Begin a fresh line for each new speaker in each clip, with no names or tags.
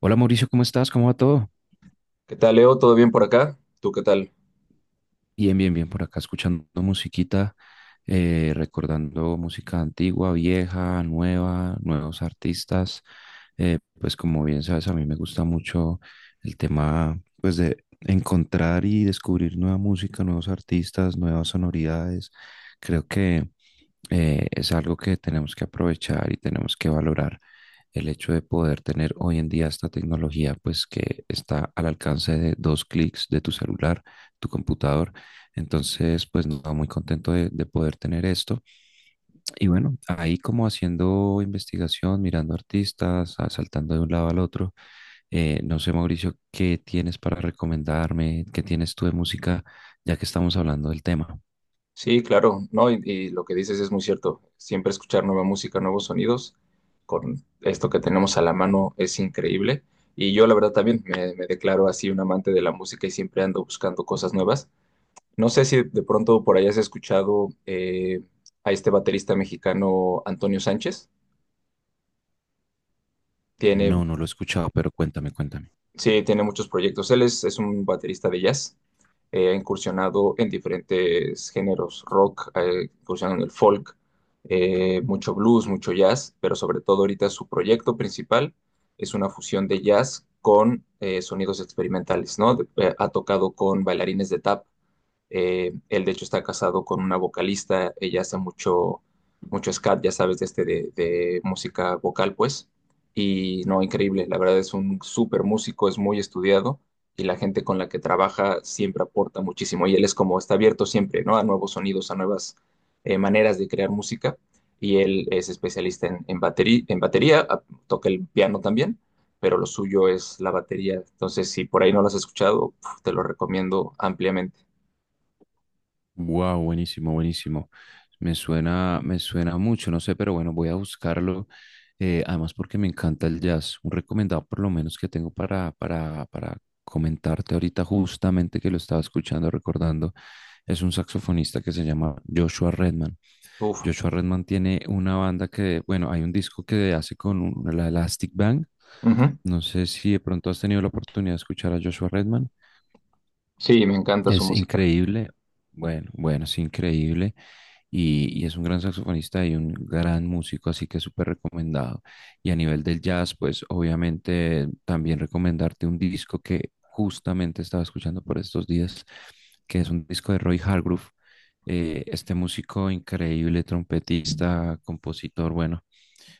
Hola Mauricio, ¿cómo estás? ¿Cómo va todo?
¿Qué tal, Leo? ¿Todo bien por acá? ¿Tú qué tal?
Bien, bien, bien, por acá escuchando musiquita, recordando música antigua, vieja, nueva, nuevos artistas. Pues como bien sabes, a mí me gusta mucho el tema pues de encontrar y descubrir nueva música, nuevos artistas, nuevas sonoridades. Creo que es algo que tenemos que aprovechar y tenemos que valorar el hecho de poder tener hoy en día esta tecnología, pues que está al alcance de dos clics de tu celular, tu computador. Entonces, pues no, muy contento de poder tener esto. Y bueno, ahí como haciendo investigación, mirando artistas, ah, saltando de un lado al otro. No sé, Mauricio, ¿qué tienes para recomendarme? ¿Qué tienes tú de música, ya que estamos hablando del tema?
Sí, claro, ¿no? Y lo que dices es muy cierto. Siempre escuchar nueva música, nuevos sonidos, con esto que tenemos a la mano es increíble. Y yo, la verdad, también me declaro así un amante de la música y siempre ando buscando cosas nuevas. No sé si de pronto por ahí has escuchado a este baterista mexicano, Antonio Sánchez. Tiene
No, no lo he escuchado, pero cuéntame, cuéntame.
sí, tiene muchos proyectos. Él es un baterista de jazz. Ha incursionado en diferentes géneros rock, ha incursionado en el folk, mucho blues, mucho jazz, pero sobre todo ahorita su proyecto principal es una fusión de jazz con sonidos experimentales, ¿no? Ha tocado con bailarines de tap, él, de hecho, está casado con una vocalista. Ella hace mucho, mucho scat, ya sabes, de de música vocal, pues. Y no, increíble. La verdad es un súper músico, es muy estudiado y la gente con la que trabaja siempre aporta muchísimo. Y él es como, está abierto siempre, ¿no? A nuevos sonidos, a nuevas maneras de crear música. Y él es especialista en batería, en batería, toca el piano también, pero lo suyo es la batería. Entonces, si por ahí no lo has escuchado, puf, te lo recomiendo ampliamente.
Wow, buenísimo, buenísimo. Me suena mucho, no sé, pero bueno, voy a buscarlo. Además, porque me encanta el jazz. Un recomendado por lo menos que tengo para comentarte ahorita, justamente que lo estaba escuchando, recordando, es un saxofonista que se llama Joshua Redman.
Uf,
Joshua Redman tiene una banda que, bueno, hay un disco que hace con la Elastic Band.
ujú.
No sé si de pronto has tenido la oportunidad de escuchar a Joshua Redman.
Sí, me encanta su
Es
música.
increíble, bueno, bueno, es increíble y es un gran saxofonista y un gran músico, así que súper recomendado. Y a nivel del jazz, pues obviamente también recomendarte un disco que justamente estaba escuchando por estos días, que es un disco de Roy Hargrove, este músico increíble, trompetista, compositor, bueno,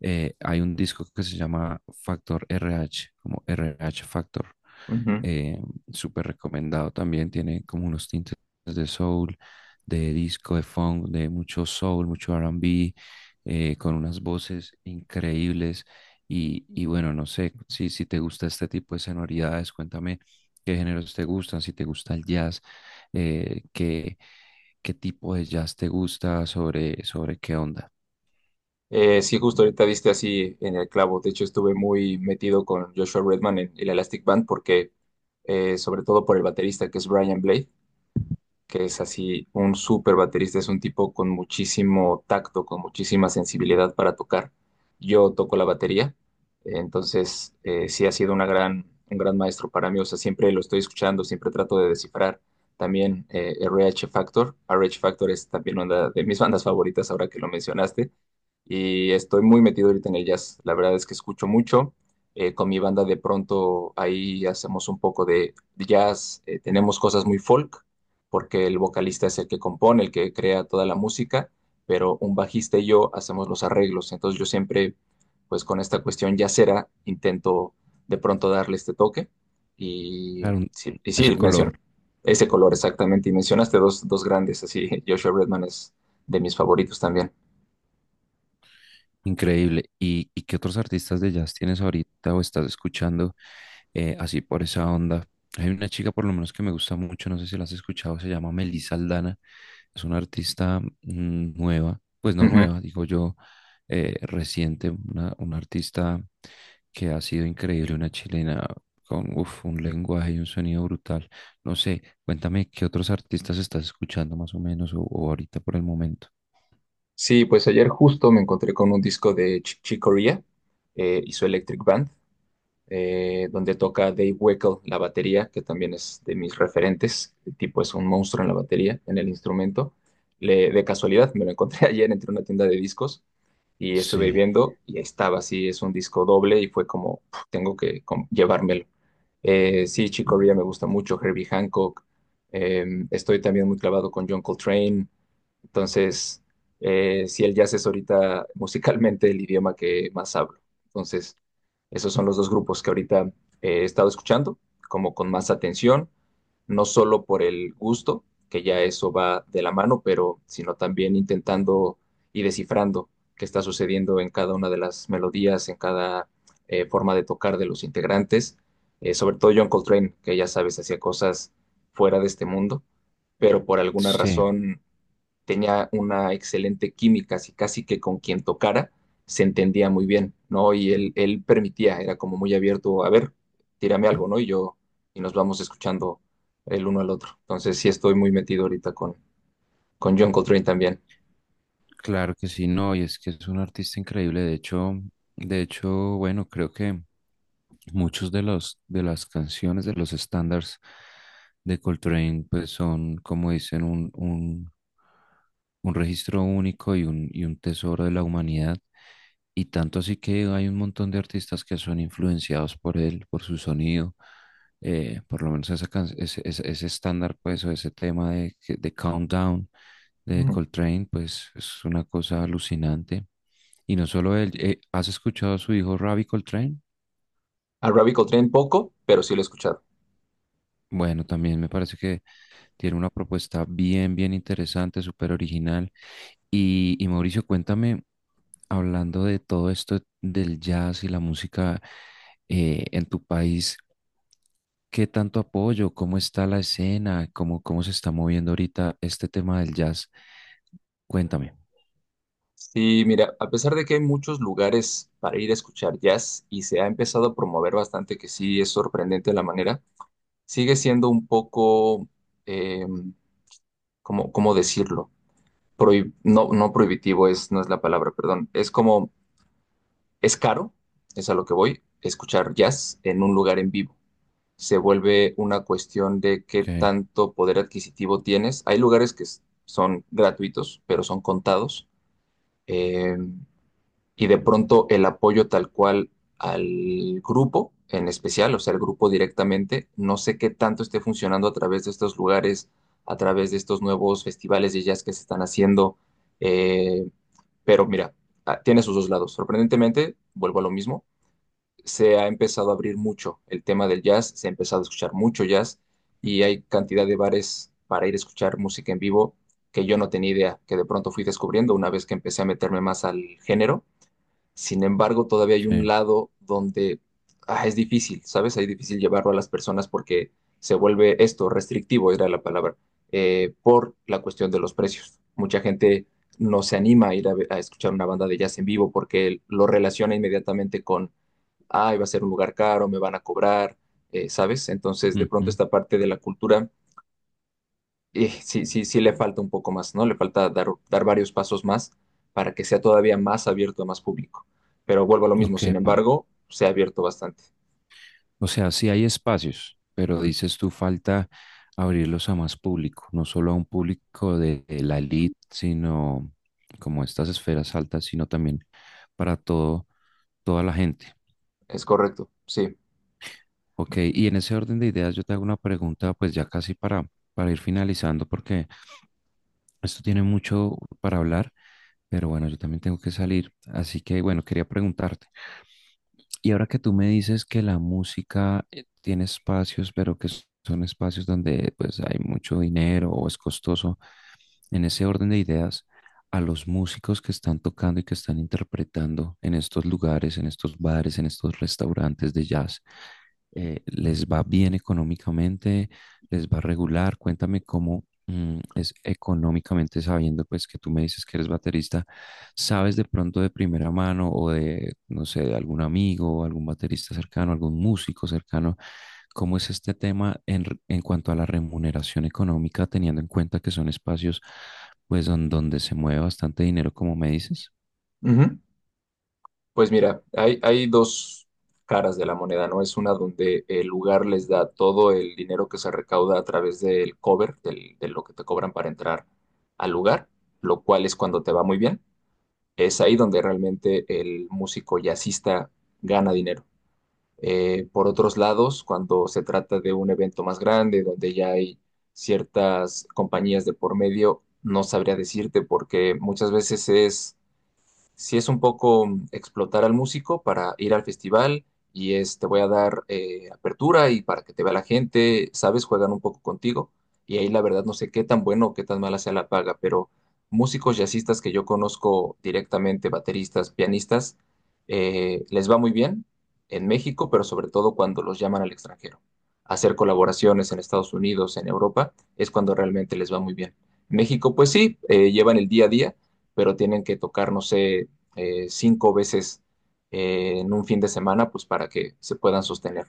hay un disco que se llama Factor RH, como RH Factor.
Ujú.
Eh, súper recomendado también, tiene como unos tintes de soul, de disco, de funk, de mucho soul, mucho R&B, con unas voces increíbles. Y bueno, no sé, si te gusta este tipo de sonoridades, cuéntame qué géneros te gustan, si te gusta el jazz, eh, qué, qué tipo de jazz te gusta, sobre qué onda.
Sí, justo ahorita diste así en el clavo. De hecho, estuve muy metido con Joshua Redman en el Elastic Band porque, sobre todo por el baterista que es Brian Blade, que es así un súper baterista, es un tipo con muchísimo tacto, con muchísima sensibilidad para tocar. Yo toco la batería, entonces sí ha sido una gran, un gran maestro para mí, o sea, siempre lo estoy escuchando, siempre trato de descifrar. También R H Factor, R H Factor es también una de mis bandas favoritas ahora que lo mencionaste y estoy muy metido ahorita en el jazz. La verdad es que escucho mucho. Con mi banda de pronto ahí hacemos un poco de jazz. Tenemos cosas muy folk, porque el vocalista es el que compone, el que crea toda la música, pero un bajista y yo hacemos los arreglos. Entonces yo siempre, pues con esta cuestión jazzera, intento de pronto darle este toque. Y
Claro,
sí, y
ese
sí,
color.
menciono ese color exactamente. Y mencionaste dos, dos grandes, así Joshua Redman es de mis favoritos también.
Increíble. ¿Y qué otros artistas de jazz tienes ahorita o estás escuchando, así por esa onda? Hay una chica por lo menos que me gusta mucho, no sé si la has escuchado, se llama Melissa Aldana. Es una artista nueva, pues no nueva, digo yo, reciente, una artista que ha sido increíble, una chilena con un lenguaje y un sonido brutal. No sé, cuéntame qué otros artistas estás escuchando más o menos o ahorita por el momento.
Sí, pues ayer justo me encontré con un disco de Ch Chick Corea y su Electric Band, donde toca Dave Weckl la batería, que también es de mis referentes. El tipo es un monstruo en la batería, en el instrumento. De casualidad me lo encontré ayer, entre una tienda de discos y estuve
Sí,
viendo y ahí estaba. Sí, es un disco doble y fue como, "Puf, tengo que llevármelo." Sí, Chick Corea me gusta mucho, Herbie Hancock, eh, estoy también muy clavado con John Coltrane, entonces, si el jazz es ahorita musicalmente el idioma que más hablo. Entonces, esos son los dos grupos que ahorita he estado escuchando, como con más atención, no solo por el gusto, que ya eso va de la mano, pero sino también intentando y descifrando qué está sucediendo en cada una de las melodías, en cada forma de tocar de los integrantes. Sobre todo John Coltrane, que ya sabes, hacía cosas fuera de este mundo, pero por alguna
sí.
razón tenía una excelente química, así casi que con quien tocara se entendía muy bien, ¿no? Y él permitía, era como muy abierto, a ver, tírame algo, ¿no? Y yo, y nos vamos escuchando el uno al otro. Entonces sí estoy muy metido ahorita con John Coltrane también.
Claro que sí, no, y es que es un artista increíble. De hecho, bueno, creo que muchos de los de las canciones de los estándares de Coltrane pues son como dicen un registro único y un tesoro de la humanidad, y tanto así que hay un montón de artistas que son influenciados por él, por su sonido, por lo menos ese estándar pues o ese tema de Countdown de
Mm.
Coltrane pues es una cosa alucinante, y no solo él. ¿Has escuchado a su hijo Ravi Coltrane?
A Robbie Coltrane poco, pero sí lo he escuchado.
Bueno, también me parece que tiene una propuesta bien, bien interesante, súper original. Y Mauricio, cuéntame, hablando de todo esto del jazz y la música, en tu país, ¿qué tanto apoyo? ¿Cómo está la escena? ¿Cómo se está moviendo ahorita este tema del jazz? Cuéntame.
Sí, mira, a pesar de que hay muchos lugares para ir a escuchar jazz y se ha empezado a promover bastante, que sí es sorprendente la manera, sigue siendo un poco, eh, ¿cómo, cómo decirlo? No, no prohibitivo es, no es la palabra, perdón. Es como, es caro, es a lo que voy, escuchar jazz en un lugar en vivo. Se vuelve una cuestión de qué
Ok,
tanto poder adquisitivo tienes. Hay lugares que son gratuitos, pero son contados. eh, y de pronto el apoyo tal cual al grupo en especial, o sea, el grupo directamente, no sé qué tanto esté funcionando a través de estos lugares, a través de estos nuevos festivales de jazz que se están haciendo. Eh, pero mira, ah, tiene sus dos lados. Sorprendentemente, vuelvo a lo mismo, se ha empezado a abrir mucho el tema del jazz, se ha empezado a escuchar mucho jazz y hay cantidad de bares para ir a escuchar música en vivo que yo no tenía idea, que de pronto fui descubriendo una vez que empecé a meterme más al género. Sin embargo, todavía hay un
sí.
lado donde ah, es difícil, ¿sabes? Es difícil llevarlo a las personas porque se vuelve esto restrictivo, era la palabra, por la cuestión de los precios. Mucha gente no se anima a ir a, a escuchar una banda de jazz en vivo porque lo relaciona inmediatamente con, ay, va a ser un lugar caro, me van a cobrar, ¿sabes? Entonces, de pronto
Ujú.
esta parte de la cultura sí, sí le falta un poco más, ¿no? Le falta dar, dar varios pasos más para que sea todavía más abierto a más público. Pero vuelvo a lo mismo,
Ok,
sin embargo, se ha abierto bastante.
o sea, sí hay espacios, pero dices tú falta abrirlos a más público, no solo a un público de la elite, sino como estas esferas altas, sino también para todo, toda la gente.
Es correcto, sí.
Ok, y en ese orden de ideas yo te hago una pregunta, pues ya casi para, ir finalizando, porque esto tiene mucho para hablar, pero bueno, yo también tengo que salir. Así que bueno, quería preguntarte. Y ahora que tú me dices que la música, tiene espacios, pero que son espacios donde pues hay mucho dinero o es costoso, en ese orden de ideas, a los músicos que están tocando y que están interpretando en estos lugares, en estos bares, en estos restaurantes de jazz, ¿Les va bien económicamente? ¿Les va regular? Cuéntame cómo es económicamente, sabiendo, pues, que tú me dices que eres baterista, ¿sabes de pronto de primera mano o de, no sé, de algún amigo, algún baterista cercano, algún músico cercano? ¿Cómo es este tema en cuanto a la remuneración económica, teniendo en cuenta que son espacios, pues, donde se mueve bastante dinero, como me dices?
Ujú. Pues mira, hay dos caras de la moneda, ¿no? Es una donde el lugar les da todo el dinero que se recauda a través del cover, de lo que te cobran para entrar al lugar, lo cual es cuando te va muy bien. Es ahí donde realmente el músico jazzista gana dinero. Por otros lados, cuando se trata de un evento más grande, donde ya hay ciertas compañías de por medio, no sabría decirte porque muchas veces es sí es un poco explotar al músico para ir al festival y es, te voy a dar apertura y para que te vea la gente, sabes, juegan un poco contigo. Y ahí la verdad no sé qué tan bueno o qué tan mala sea la paga, pero músicos jazzistas que yo conozco directamente, bateristas, pianistas, les va muy bien en México, pero sobre todo cuando los llaman al extranjero. Hacer colaboraciones en Estados Unidos, en Europa, es cuando realmente les va muy bien. México, pues sí, llevan el día a día pero tienen que tocar, no sé, cinco veces en un fin de semana, pues para que se puedan sostener.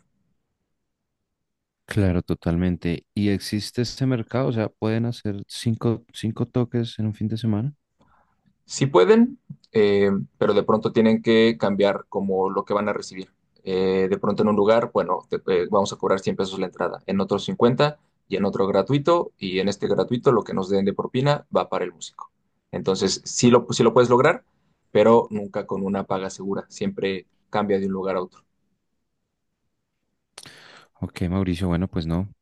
Claro, totalmente. ¿Y existe este mercado? O sea, ¿pueden hacer cinco toques en un fin de semana?
Sí pueden, eh, pero de pronto tienen que cambiar como lo que van a recibir. De pronto en un lugar, bueno, vamos a cobrar 100 pesos la entrada, en otro 50 y en otro gratuito, y en este gratuito lo que nos den de propina va para el músico. Entonces, sí lo puedes lograr, pero nunca con una paga segura, siempre cambia de un lugar a otro.
Ok, Mauricio, bueno, pues no,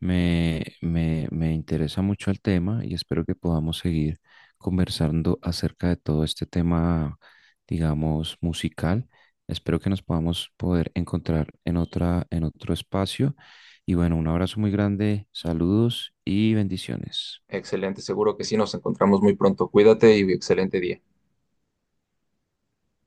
me interesa mucho el tema y espero que podamos seguir conversando acerca de todo este tema, digamos, musical. Espero que nos podamos poder encontrar en otra, en otro espacio. Y bueno, un abrazo muy grande, saludos y bendiciones.
Excelente, seguro que sí, nos encontramos muy pronto. Cuídate y excelente día.